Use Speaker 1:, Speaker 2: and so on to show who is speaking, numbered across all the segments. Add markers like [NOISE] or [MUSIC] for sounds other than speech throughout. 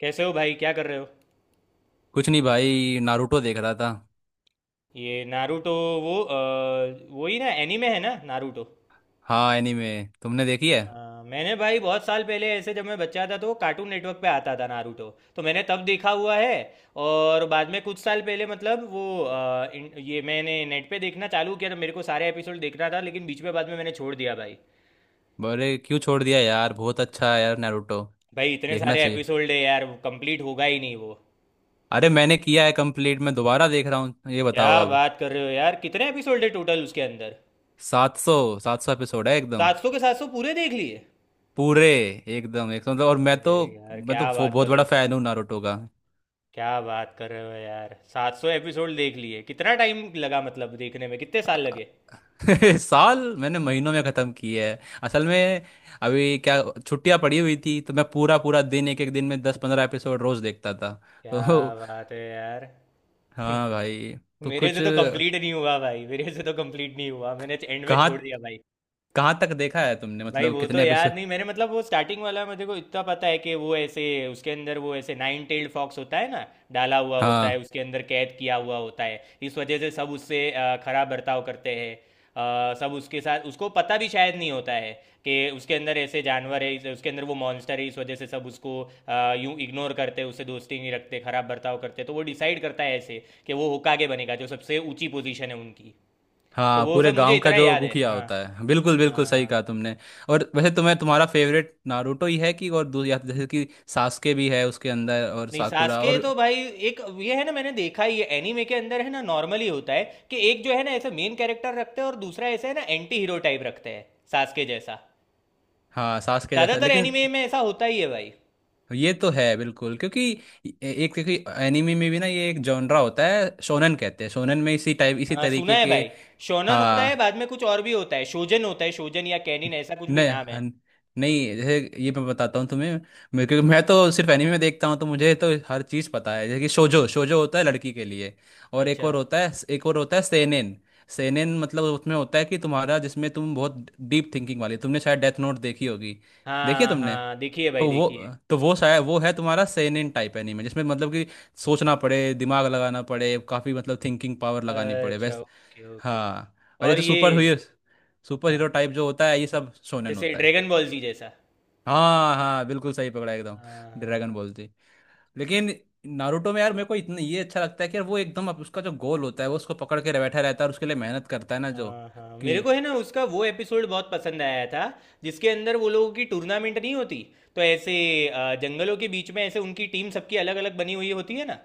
Speaker 1: कैसे हो भाई, क्या कर रहे हो।
Speaker 2: कुछ नहीं भाई, नारुतो देख रहा था।
Speaker 1: ये नारुतो। वो वही ना एनीमे है ना नारुतो।
Speaker 2: हाँ, एनीमे। तुमने देखी है?
Speaker 1: हाँ, मैंने भाई बहुत साल पहले ऐसे जब मैं बच्चा था तो कार्टून नेटवर्क पे आता था नारुतो। तो मैंने तब देखा हुआ है। और बाद में कुछ साल पहले मतलब वो ये मैंने नेट पे देखना चालू किया तो मेरे को सारे एपिसोड देखना था लेकिन बीच में बाद में मैंने छोड़ दिया भाई।
Speaker 2: अरे क्यों छोड़ दिया यार? बहुत अच्छा है यार, नारुतो।
Speaker 1: भाई इतने
Speaker 2: देखना
Speaker 1: सारे
Speaker 2: चाहिए।
Speaker 1: एपिसोड है यार, कंप्लीट होगा ही नहीं वो।
Speaker 2: अरे, मैंने किया है कंप्लीट। मैं दोबारा देख रहा हूँ। ये
Speaker 1: क्या
Speaker 2: बताओ अब।
Speaker 1: बात कर रहे हो यार, कितने एपिसोड है टोटल उसके अंदर।
Speaker 2: 700। 700 एपिसोड है एकदम।
Speaker 1: सात सौ के सात सौ पूरे देख लिए?
Speaker 2: पूरे। एकदम 100, मतलब। और मैं
Speaker 1: अरे
Speaker 2: तो
Speaker 1: यार
Speaker 2: मैं तो
Speaker 1: क्या बात
Speaker 2: बहुत
Speaker 1: कर रहे
Speaker 2: बड़ा
Speaker 1: हो।
Speaker 2: फैन हूँ नारुतो का।
Speaker 1: क्या बात कर रहे हो यार, 700 एपिसोड देख लिए, कितना टाइम लगा, मतलब देखने में कितने साल लगे?
Speaker 2: [LAUGHS] साल मैंने महीनों में ख़त्म किया है असल में। अभी क्या, छुट्टियाँ पड़ी हुई थी तो मैं पूरा पूरा दिन, एक एक दिन में 10 15 एपिसोड रोज़ देखता था। [LAUGHS]
Speaker 1: क्या
Speaker 2: तो
Speaker 1: बात है यार। [LAUGHS]
Speaker 2: हाँ भाई, तो
Speaker 1: मेरे
Speaker 2: कुछ।
Speaker 1: से तो कंप्लीट नहीं हुआ भाई, मेरे से तो कंप्लीट नहीं हुआ, मैंने एंड में
Speaker 2: कहाँ
Speaker 1: छोड़ दिया भाई।
Speaker 2: कहाँ तक देखा है तुमने,
Speaker 1: भाई
Speaker 2: मतलब
Speaker 1: वो तो
Speaker 2: कितने
Speaker 1: याद
Speaker 2: एपिसोड?
Speaker 1: नहीं मैंने, मतलब वो स्टार्टिंग वाला मुझे को इतना पता है कि वो ऐसे उसके अंदर वो ऐसे नाइन टेल्ड फॉक्स होता है ना, डाला हुआ होता है
Speaker 2: हाँ,
Speaker 1: उसके अंदर, कैद किया हुआ होता है, इस वजह से सब उससे खराब बर्ताव करते हैं, सब उसके साथ, उसको पता भी शायद नहीं होता है कि उसके अंदर ऐसे जानवर है, उसके अंदर वो मॉन्स्टर है, इस वजह से सब उसको यूं इग्नोर करते, उससे दोस्ती नहीं रखते, खराब बर्ताव करते, तो वो डिसाइड करता है ऐसे कि वो होकागे बनेगा जो सबसे ऊंची पोजीशन है उनकी। तो
Speaker 2: हाँ,
Speaker 1: वो
Speaker 2: पूरे
Speaker 1: सब मुझे
Speaker 2: गांव का
Speaker 1: इतना
Speaker 2: जो
Speaker 1: याद है,
Speaker 2: मुखिया
Speaker 1: हाँ।
Speaker 2: होता है। बिल्कुल,
Speaker 1: हाँ
Speaker 2: बिल्कुल सही
Speaker 1: हाँ।
Speaker 2: कहा तुमने। और वैसे तुम्हें तुम्हारा फेवरेट नारुतो ही है कि और या जैसे कि सास्के भी है उसके अंदर, और
Speaker 1: नहीं,
Speaker 2: साकुरा
Speaker 1: सास्के
Speaker 2: और।
Speaker 1: तो भाई एक ये है ना, मैंने देखा ये एनीमे के अंदर है ना नॉर्मली होता है कि एक जो है ना ऐसे मेन कैरेक्टर रखते हैं और दूसरा ऐसे है ना एंटी हीरो टाइप रखते हैं, सास्के जैसा।
Speaker 2: हाँ, सास्के जैसा,
Speaker 1: ज्यादातर
Speaker 2: लेकिन
Speaker 1: एनीमे में ऐसा होता ही है भाई।
Speaker 2: ये तो है बिल्कुल, क्योंकि ए- एक क्योंकि एनिमे में भी ना ये एक जॉनरा होता है, शोनन कहते हैं। शोनन में इसी टाइप, इसी
Speaker 1: हाँ सुना
Speaker 2: तरीके
Speaker 1: है
Speaker 2: के।
Speaker 1: भाई, शोनन होता है,
Speaker 2: हाँ,
Speaker 1: बाद में कुछ और भी होता है, शोजन होता है, शोजन या कैनिन ऐसा कुछ भी
Speaker 2: नहीं,
Speaker 1: नाम है।
Speaker 2: नहीं जैसे, ये मैं बताता हूँ तुम्हें। मेरे, क्योंकि मैं तो सिर्फ एनीमे देखता हूँ तो मुझे तो हर चीज़ पता है। जैसे कि शोजो, शोजो होता है लड़की के लिए। और एक
Speaker 1: अच्छा।
Speaker 2: और होता है एक और होता है सेनेन। सेनेन मतलब उसमें होता है कि तुम्हारा, जिसमें तुम बहुत डीप थिंकिंग वाली, तुमने शायद डेथ नोट देखी होगी। देखी है
Speaker 1: हाँ
Speaker 2: तुमने?
Speaker 1: हाँ, देखिए भाई
Speaker 2: तो वो
Speaker 1: देखिए।
Speaker 2: तो वो शायद वो है तुम्हारा सेनेन टाइप एनीमे जिसमें, मतलब कि सोचना पड़े, दिमाग लगाना पड़े काफ़ी, मतलब थिंकिंग पावर लगानी पड़े
Speaker 1: अच्छा,
Speaker 2: वैस।
Speaker 1: Okay okay.
Speaker 2: हाँ, और ये
Speaker 1: और
Speaker 2: तो
Speaker 1: ये।
Speaker 2: सुपर हीरो, सुपर हीरो
Speaker 1: हाँ,
Speaker 2: टाइप जो होता है ये सब शोनेन
Speaker 1: जैसे
Speaker 2: होता है।
Speaker 1: ड्रैगन बॉल जी जैसा।
Speaker 2: हाँ, हाँ, बिल्कुल सही पकड़ा एकदम।
Speaker 1: हाँ हाँ,
Speaker 2: ड्रैगन
Speaker 1: हाँ।
Speaker 2: बॉल जी। लेकिन नारुतो में यार, मेरे को इतना ये अच्छा लगता है कि यार वो एकदम उसका जो गोल होता है वो उसको पकड़ के बैठा रहता है और उसके लिए मेहनत करता है ना जो
Speaker 1: हाँ हाँ,
Speaker 2: कि।
Speaker 1: मेरे को है ना उसका वो एपिसोड बहुत पसंद आया था जिसके अंदर वो लोगों की टूर्नामेंट नहीं होती, तो ऐसे जंगलों के बीच में ऐसे उनकी टीम सबकी अलग अलग बनी हुई होती है ना,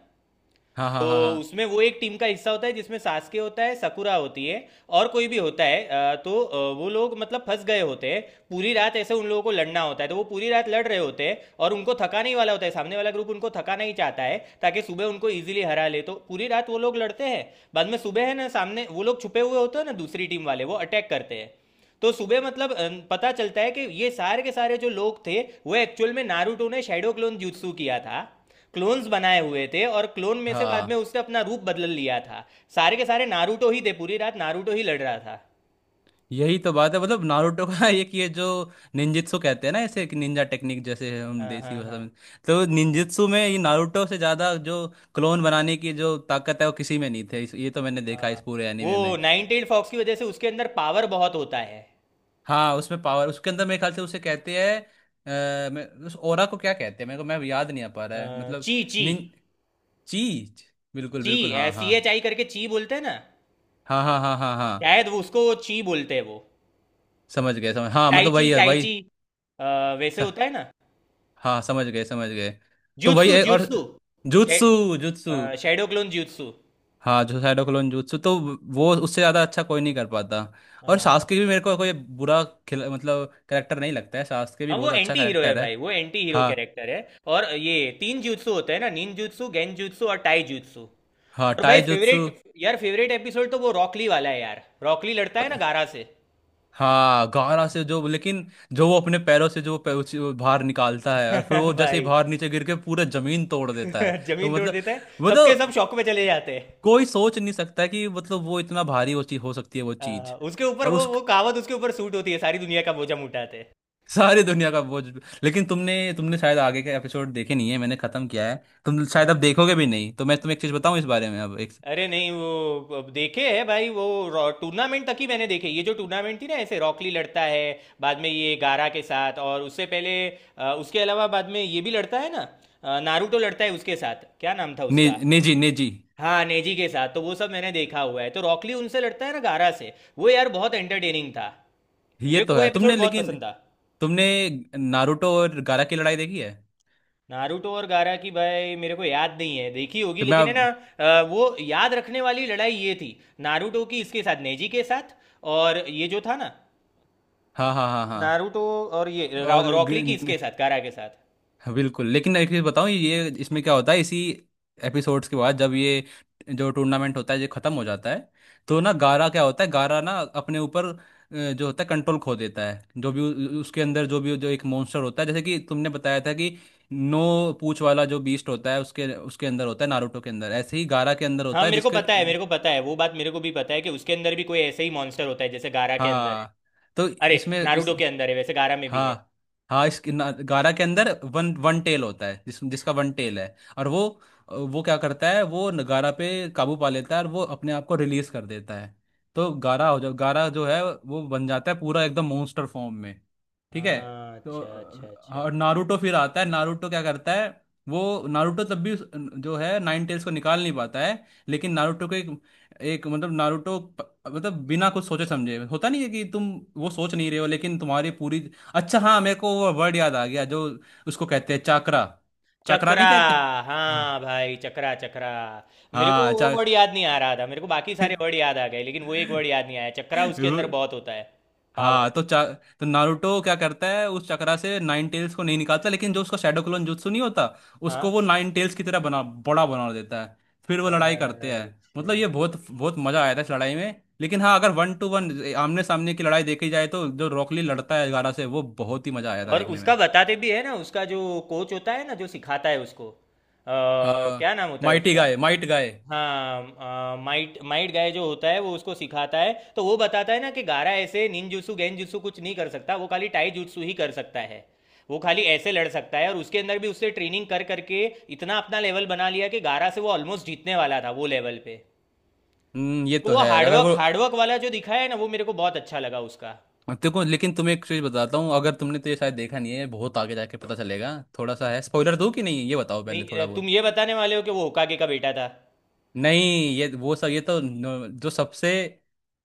Speaker 2: हाँ, हाँ,
Speaker 1: तो
Speaker 2: हाँ, हाँ,
Speaker 1: उसमें वो एक टीम का हिस्सा होता है जिसमें सास्के होता है, सकुरा होती है और कोई भी होता है, तो वो लोग मतलब फंस गए होते हैं। पूरी रात ऐसे उन लोगों को लड़ना होता है, तो वो पूरी रात लड़ रहे होते हैं और उनको थकाने ही वाला होता है सामने वाला ग्रुप, उनको थकाना ही चाहता है ताकि सुबह उनको ईजिली हरा ले, तो पूरी रात वो लोग लड़ते हैं। बाद में सुबह है ना, सामने वो लोग छुपे हुए होते हैं ना दूसरी टीम वाले, वो अटैक करते हैं, तो सुबह मतलब पता चलता है कि ये सारे के सारे जो लोग थे वो एक्चुअल में नारुतो ने शैडो क्लोन जुत्सु किया था, क्लोन्स बनाए हुए थे और क्लोन में से बाद में
Speaker 2: हाँ।
Speaker 1: उसने अपना रूप बदल लिया था, सारे के सारे नारुतो ही थे, पूरी रात नारुतो ही लड़ रहा था।
Speaker 2: यही तो बात है, मतलब नारुतो का। [LAUGHS] एक ये जो निंजित्सु कहते हैं ना ऐसे, एक निंजा टेक्निक, जैसे हम
Speaker 1: हाँ
Speaker 2: देसी
Speaker 1: हाँ
Speaker 2: भाषा
Speaker 1: हाँ।
Speaker 2: में। तो
Speaker 1: हाँ,
Speaker 2: निंजित्सु में ये नारुतो से ज़्यादा जो क्लोन बनाने की जो ताकत है वो किसी में नहीं थे, ये तो मैंने देखा
Speaker 1: हाँ।
Speaker 2: इस पूरे एनीमे
Speaker 1: वो
Speaker 2: में।
Speaker 1: नाइन टेल्ड फॉक्स की वजह से उसके अंदर पावर बहुत होता है।
Speaker 2: हाँ, उसमें पावर उसके अंदर, मेरे ख्याल से उसे कहते हैं, मैं उस ओरा को, क्या कहते हैं मेरे को, मैं याद नहीं आ पा रहा है मतलब।
Speaker 1: ची ची।
Speaker 2: निन चीज। बिल्कुल,
Speaker 1: ची,
Speaker 2: बिल्कुल, हाँ,
Speaker 1: सी
Speaker 2: हाँ,
Speaker 1: एच आई करके ची बोलते हैं ना,
Speaker 2: हाँ, हाँ, हाँ, हाँ, हाँ,
Speaker 1: शायद वो उसको ची बोलते हैं वो।
Speaker 2: समझ गए समझ, हाँ, मतलब वही
Speaker 1: टाइची
Speaker 2: है वही।
Speaker 1: टाइची। अ, वैसे
Speaker 2: स-
Speaker 1: होता है ना।
Speaker 2: हाँ, समझ गए, समझ गए। तो वही
Speaker 1: ज्यूत्सु
Speaker 2: है और
Speaker 1: jutsu.
Speaker 2: Jutsu, jutsu.
Speaker 1: Shadow clone jutsu.
Speaker 2: हाँ, जो साइडो क्लोन जुत्सु, तो वो उससे ज़्यादा अच्छा कोई नहीं कर पाता। और
Speaker 1: हाँ।
Speaker 2: सास्के भी मेरे को कोई बुरा खिला, मतलब करेक्टर नहीं लगता है। सास्के भी
Speaker 1: हाँ, वो
Speaker 2: बहुत अच्छा
Speaker 1: एंटी हीरो है
Speaker 2: करेक्टर है।
Speaker 1: भाई, वो एंटी हीरो
Speaker 2: हाँ
Speaker 1: कैरेक्टर है। और ये तीन jutsu होते हैं ना, निन jutsu, गेन jutsu और टाई jutsu।
Speaker 2: हाँ,
Speaker 1: और भाई
Speaker 2: टाई जुत्सु।
Speaker 1: फेवरेट, यार फेवरेट एपिसोड तो वो रॉकली वाला है यार, रॉकली लड़ता है ना गारा से।
Speaker 2: हाँ, गारा से, जो लेकिन जो वो अपने पैरों से जो वो बाहर निकालता है और फिर वो
Speaker 1: [LAUGHS]
Speaker 2: जैसे ही
Speaker 1: भाई
Speaker 2: बाहर नीचे गिर के पूरा जमीन तोड़ देता है
Speaker 1: [LAUGHS] जमीन
Speaker 2: तो
Speaker 1: तोड़
Speaker 2: मतलब,
Speaker 1: देता है, सबके सब
Speaker 2: मतलब
Speaker 1: शौक में चले जाते हैं।
Speaker 2: कोई सोच नहीं सकता कि मतलब वो इतना भारी हो, हो सकती है वो
Speaker 1: हाँ,
Speaker 2: चीज।
Speaker 1: उसके ऊपर
Speaker 2: और उस
Speaker 1: वो
Speaker 2: [LAUGHS]
Speaker 1: कहावत उसके ऊपर सूट होती है, सारी दुनिया का बोझा उठाते हैं।
Speaker 2: सारी दुनिया का बोझ। लेकिन तुमने तुमने शायद आगे के एपिसोड देखे नहीं है, मैंने खत्म किया है। तुम शायद
Speaker 1: हाँ,
Speaker 2: अब देखोगे भी नहीं, तो मैं तुम्हें एक चीज बताऊं
Speaker 1: हाँ।
Speaker 2: इस बारे में अब एक।
Speaker 1: अरे नहीं, वो अब देखे है भाई, वो टूर्नामेंट तक ही मैंने देखे, ये जो टूर्नामेंट थी ना ऐसे रॉकली लड़ता है बाद में ये गारा के साथ, और उससे पहले उसके अलावा बाद में ये भी लड़ता है ना, नारुतो लड़ता है उसके साथ, क्या नाम था
Speaker 2: ने,
Speaker 1: उसका।
Speaker 2: नेजी, नेजी।
Speaker 1: हाँ, नेजी के साथ, तो वो सब मैंने देखा हुआ है, तो रॉकली उनसे लड़ता है ना गारा से, वो यार बहुत एंटरटेनिंग था,
Speaker 2: ये
Speaker 1: मेरे को
Speaker 2: तो
Speaker 1: वो
Speaker 2: है, तुमने
Speaker 1: एपिसोड बहुत
Speaker 2: लेकिन
Speaker 1: पसंद था।
Speaker 2: तुमने नारुतो और गारा की लड़ाई देखी है?
Speaker 1: नारुतो और गारा की भाई मेरे को याद नहीं है, देखी होगी
Speaker 2: तो
Speaker 1: लेकिन है ना,
Speaker 2: मैं,
Speaker 1: वो याद रखने वाली लड़ाई ये थी, नारुतो की इसके साथ नेजी के साथ, और ये जो था ना
Speaker 2: हाँ, हाँ, हाँ, हाँ,
Speaker 1: नारुतो, और ये
Speaker 2: और
Speaker 1: रॉकली की इसके साथ गारा के साथ।
Speaker 2: हाँ, बिल्कुल, लेकिन एक चीज़ बताऊँ, ये इसमें क्या होता है इसी एपिसोड्स के बाद जब ये जो टूर्नामेंट होता है ये ख़त्म हो जाता है। तो ना गारा क्या होता है, गारा ना अपने ऊपर जो होता है कंट्रोल खो देता है, जो भी उसके अंदर जो भी जो एक मॉन्स्टर होता है, जैसे कि तुमने बताया था कि नो पूछ वाला जो बीस्ट होता है उसके उसके अंदर होता है, नारुतो के अंदर, ऐसे ही गारा के अंदर
Speaker 1: हाँ
Speaker 2: होता है
Speaker 1: मेरे को
Speaker 2: जिसके।
Speaker 1: पता है, मेरे को पता है वो बात, मेरे को भी पता है कि उसके अंदर भी कोई ऐसे ही मॉन्स्टर होता है जैसे गारा के अंदर है।
Speaker 2: हाँ, तो
Speaker 1: अरे,
Speaker 2: इसमें इस,
Speaker 1: नारुतो के अंदर है, वैसे गारा में भी है।
Speaker 2: हाँ, हाँ, गारा के अंदर वन वन टेल होता है, जिसका वन टेल है। और वो क्या करता है वो गारा पे काबू पा लेता है और वो अपने आप को रिलीज कर देता है। तो गारा हो जा गारा जो है वो बन जाता है पूरा एकदम monster फॉर्म में। ठीक है,
Speaker 1: हाँ,
Speaker 2: तो
Speaker 1: अच्छा अच्छा अच्छा।
Speaker 2: और नारुतो फिर आता है, नारुतो क्या करता है वो। नारुतो तब भी जो है नाइन टेल्स को निकाल नहीं पाता है, लेकिन नारुतो को एक, एक मतलब नारुतो मतलब बिना कुछ सोचे समझे होता नहीं है कि तुम वो सोच नहीं रहे हो लेकिन तुम्हारी पूरी, अच्छा हाँ मेरे को वो वर्ड याद आ गया जो उसको कहते हैं चाकरा। चाकरा
Speaker 1: चक्रा।
Speaker 2: नहीं कहते।
Speaker 1: हाँ
Speaker 2: आह,
Speaker 1: भाई चक्रा चक्रा, मेरे को
Speaker 2: हाँ
Speaker 1: वो
Speaker 2: चा।
Speaker 1: वर्ड याद नहीं आ रहा था, मेरे को बाकी सारे वर्ड
Speaker 2: [LAUGHS]
Speaker 1: याद आ गए लेकिन वो एक वर्ड याद नहीं आया, चक्रा उसके अंदर बहुत
Speaker 2: [LAUGHS]
Speaker 1: होता है।
Speaker 2: हाँ
Speaker 1: पावर।
Speaker 2: तो चा, तो नारुतो क्या करता है उस चक्रा से, नाइन टेल्स को नहीं निकालता लेकिन जो उसका शैडो क्लोन जुत्सु नहीं होता, उसको
Speaker 1: हाँ।
Speaker 2: वो नाइन टेल्स की तरह बना, बड़ा बना देता है। फिर वो लड़ाई करते हैं।
Speaker 1: अच्छा।
Speaker 2: मतलब, ये बहुत बहुत मजा आया था इस लड़ाई में, लेकिन हाँ अगर वन टू वन आमने सामने की लड़ाई देखी जाए तो जो रॉकली लड़ता है गारा से, वो बहुत ही मजा आया था
Speaker 1: और
Speaker 2: देखने में।
Speaker 1: उसका बताते भी है ना, उसका जो कोच होता है ना जो सिखाता है उसको,
Speaker 2: हाँ,
Speaker 1: क्या नाम होता है
Speaker 2: माइटी
Speaker 1: उसका।
Speaker 2: गाय, माइट गाय।
Speaker 1: हाँ, माइट माइट गाय जो होता है वो उसको सिखाता है, तो वो बताता है ना कि गारा ऐसे निंजुत्सु गेंजुत्सु कुछ नहीं कर सकता, वो खाली टाई जुत्सु ही कर सकता है, वो खाली ऐसे लड़ सकता है, और उसके अंदर भी उससे ट्रेनिंग कर करके इतना अपना लेवल बना लिया कि गारा से वो ऑलमोस्ट जीतने वाला था वो लेवल पे।
Speaker 2: हम्म, ये
Speaker 1: तो
Speaker 2: तो
Speaker 1: वो
Speaker 2: है, अगर
Speaker 1: हार्डवर्क
Speaker 2: वो।
Speaker 1: हार्डवर्क वाला जो दिखाया है ना, वो मेरे को बहुत अच्छा लगा उसका।
Speaker 2: देखो, लेकिन तुम्हें एक चीज बताता हूँ, अगर तुमने, तो ये शायद देखा नहीं है, बहुत आगे जाके पता चलेगा थोड़ा सा है। स्पॉइलर दूँ कि नहीं ये बताओ पहले
Speaker 1: नहीं,
Speaker 2: थोड़ा
Speaker 1: तुम
Speaker 2: बहुत।
Speaker 1: ये बताने वाले हो कि वो होकागे का बेटा था।
Speaker 2: नहीं, ये वो सब, ये तो जो सबसे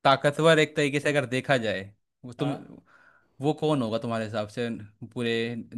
Speaker 2: ताकतवर एक तरीके से अगर देखा जाए, वो तुम,
Speaker 1: हाँ।
Speaker 2: वो कौन होगा तुम्हारे हिसाब से? पूरे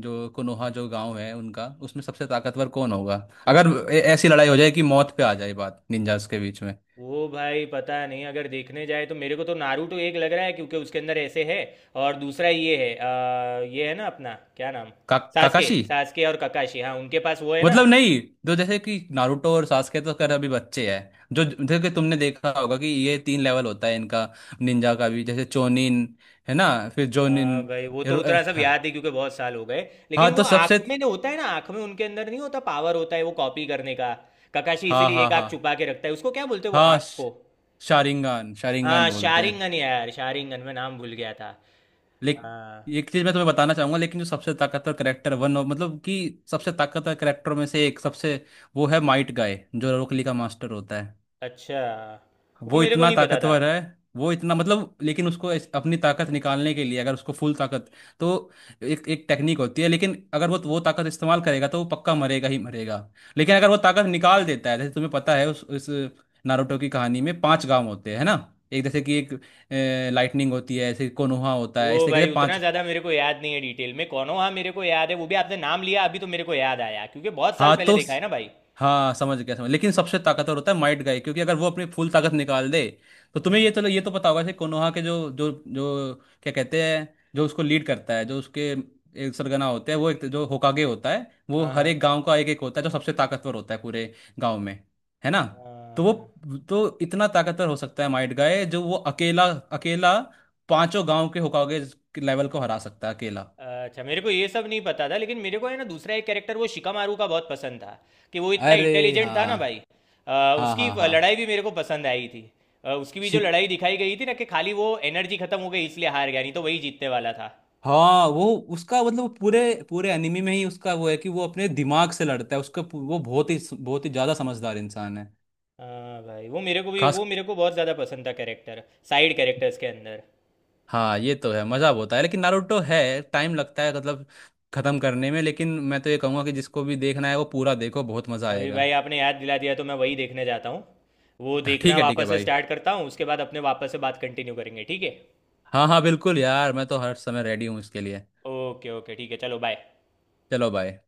Speaker 2: जो कोनोहा जो गांव है उनका, उसमें सबसे ताकतवर कौन होगा अगर ऐसी लड़ाई हो जाए कि मौत पे आ जाए बात निंजास के बीच में?
Speaker 1: वो भाई पता नहीं, अगर देखने जाए तो मेरे को तो नारुतो एक लग रहा है क्योंकि उसके अंदर ऐसे है, और दूसरा ये है, ये है ना अपना क्या नाम। सासके
Speaker 2: काकाशी।
Speaker 1: सासके और ककाशी, हाँ उनके पास वो है ना।
Speaker 2: मतलब नहीं, जो जैसे कि नारुतो और सास्के तो खैर अभी बच्चे हैं, जो जैसे कि तुमने देखा होगा कि ये तीन लेवल होता है इनका, निंजा का भी, जैसे चोनिन, है ना, फिर जोनिन।
Speaker 1: हाँ भाई वो तो उतना सब
Speaker 2: हाँ,
Speaker 1: याद है क्योंकि बहुत साल हो गए।
Speaker 2: हाँ,
Speaker 1: लेकिन वो
Speaker 2: तो
Speaker 1: आंख
Speaker 2: सबसे,
Speaker 1: में ना होता है ना, आंख में उनके अंदर नहीं होता, पावर होता है वो कॉपी करने का। ककाशी
Speaker 2: हाँ,
Speaker 1: इसीलिए
Speaker 2: हाँ,
Speaker 1: एक
Speaker 2: हाँ,
Speaker 1: आंख छुपा के रखता है, उसको क्या बोलते हैं वो
Speaker 2: हाँ,
Speaker 1: आंख को।
Speaker 2: शारिंगान, शारिंगान
Speaker 1: हाँ
Speaker 2: बोलते हैं।
Speaker 1: शारिंगन, यार शारिंगन मैं नाम भूल गया था।
Speaker 2: लेकिन
Speaker 1: हाँ।
Speaker 2: एक चीज मैं तुम्हें बताना चाहूंगा, लेकिन जो सबसे ताकतवर करेक्टर, वन ऑफ, मतलब कि सबसे ताकतवर करेक्टर में से एक, सबसे, वो है माइट गाय जो रोकली का मास्टर होता है।
Speaker 1: अच्छा, वो
Speaker 2: वो
Speaker 1: मेरे को
Speaker 2: इतना
Speaker 1: नहीं पता था।
Speaker 2: ताकतवर है, वो इतना मतलब, लेकिन उसको अपनी ताकत निकालने के लिए, अगर उसको फुल ताकत, तो एक एक टेक्निक होती है, लेकिन अगर वो ताकत इस्तेमाल करेगा तो वो पक्का मरेगा ही मरेगा। लेकिन अगर वो ताकत निकाल देता है, जैसे तुम्हें पता है उस, नारुतो की कहानी में पांच गांव होते हैं, है ना। एक जैसे कि एक लाइटनिंग होती है, ऐसे कोनोहा होता
Speaker 1: वो
Speaker 2: है, इस तरीके
Speaker 1: भाई
Speaker 2: से
Speaker 1: उतना
Speaker 2: पांच।
Speaker 1: ज़्यादा मेरे को याद नहीं है डिटेल में कौनो, हाँ मेरे को याद है, वो भी आपने नाम लिया अभी तो मेरे को याद आया क्योंकि बहुत साल
Speaker 2: हाँ,
Speaker 1: पहले
Speaker 2: तो
Speaker 1: देखा है ना भाई।
Speaker 2: हाँ, समझ गया, समझ, लेकिन सबसे ताकतवर होता है माइट गाय, क्योंकि अगर वो अपनी फुल ताकत निकाल दे, तो तुम्हें
Speaker 1: हम्म।
Speaker 2: ये, चलो ये तो पता होगा कि कोनोहा के जो जो जो क्या कहते हैं, जो उसको लीड करता है, जो उसके एक सरगना होते हैं, वो एक जो होकागे होता है, वो
Speaker 1: हाँ
Speaker 2: हर एक
Speaker 1: हाँ
Speaker 2: गांव का एक एक होता है जो सबसे ताकतवर होता है पूरे गांव में, है ना। तो वो,
Speaker 1: हाँ।
Speaker 2: तो इतना ताकतवर हो सकता है माइट गाय, जो वो अकेला, अकेला पांचों गांव के होकागे लेवल को हरा सकता है अकेला।
Speaker 1: हाँ अच्छा, मेरे को ये सब नहीं पता था, लेकिन मेरे को है ना दूसरा एक कैरेक्टर वो शिकामारू का बहुत पसंद था, कि वो इतना
Speaker 2: अरे,
Speaker 1: इंटेलिजेंट था ना भाई।
Speaker 2: हाँ, हाँ,
Speaker 1: उसकी
Speaker 2: हाँ, हाँ,
Speaker 1: लड़ाई भी मेरे को पसंद आई थी। उसकी भी जो लड़ाई दिखाई गई थी ना, कि खाली वो एनर्जी खत्म हो गई इसलिए हार गया, नहीं तो वही जीतने वाला था।
Speaker 2: हाँ। वो उसका मतलब, वो पूरे, पूरे एनिमी में ही उसका वो है कि वो अपने दिमाग से लड़ता है, उसका वो बहुत ही ज्यादा समझदार इंसान है।
Speaker 1: हाँ भाई, वो मेरे को भी,
Speaker 2: खास।
Speaker 1: वो मेरे को बहुत ज़्यादा पसंद था कैरेक्टर, साइड कैरेक्टर्स के अंदर।
Speaker 2: हाँ, ये तो है, मजा बहुत है, लेकिन नारुतो है, टाइम लगता है, मतलब खत्म करने में। लेकिन मैं तो ये कहूँगा कि जिसको भी देखना है वो पूरा देखो, बहुत मजा
Speaker 1: अभी
Speaker 2: आएगा।
Speaker 1: भाई आपने याद दिला दिया तो मैं वही देखने जाता हूँ, वो
Speaker 2: [LAUGHS]
Speaker 1: देखना
Speaker 2: ठीक है, ठीक है
Speaker 1: वापस से
Speaker 2: भाई।
Speaker 1: स्टार्ट करता हूँ, उसके बाद अपने वापस से बात कंटिन्यू करेंगे, ठीक है।
Speaker 2: हाँ, हाँ, बिल्कुल यार, मैं तो हर समय रेडी हूँ इसके लिए।
Speaker 1: ओके ओके, ठीक है, चलो बाय।
Speaker 2: चलो भाई।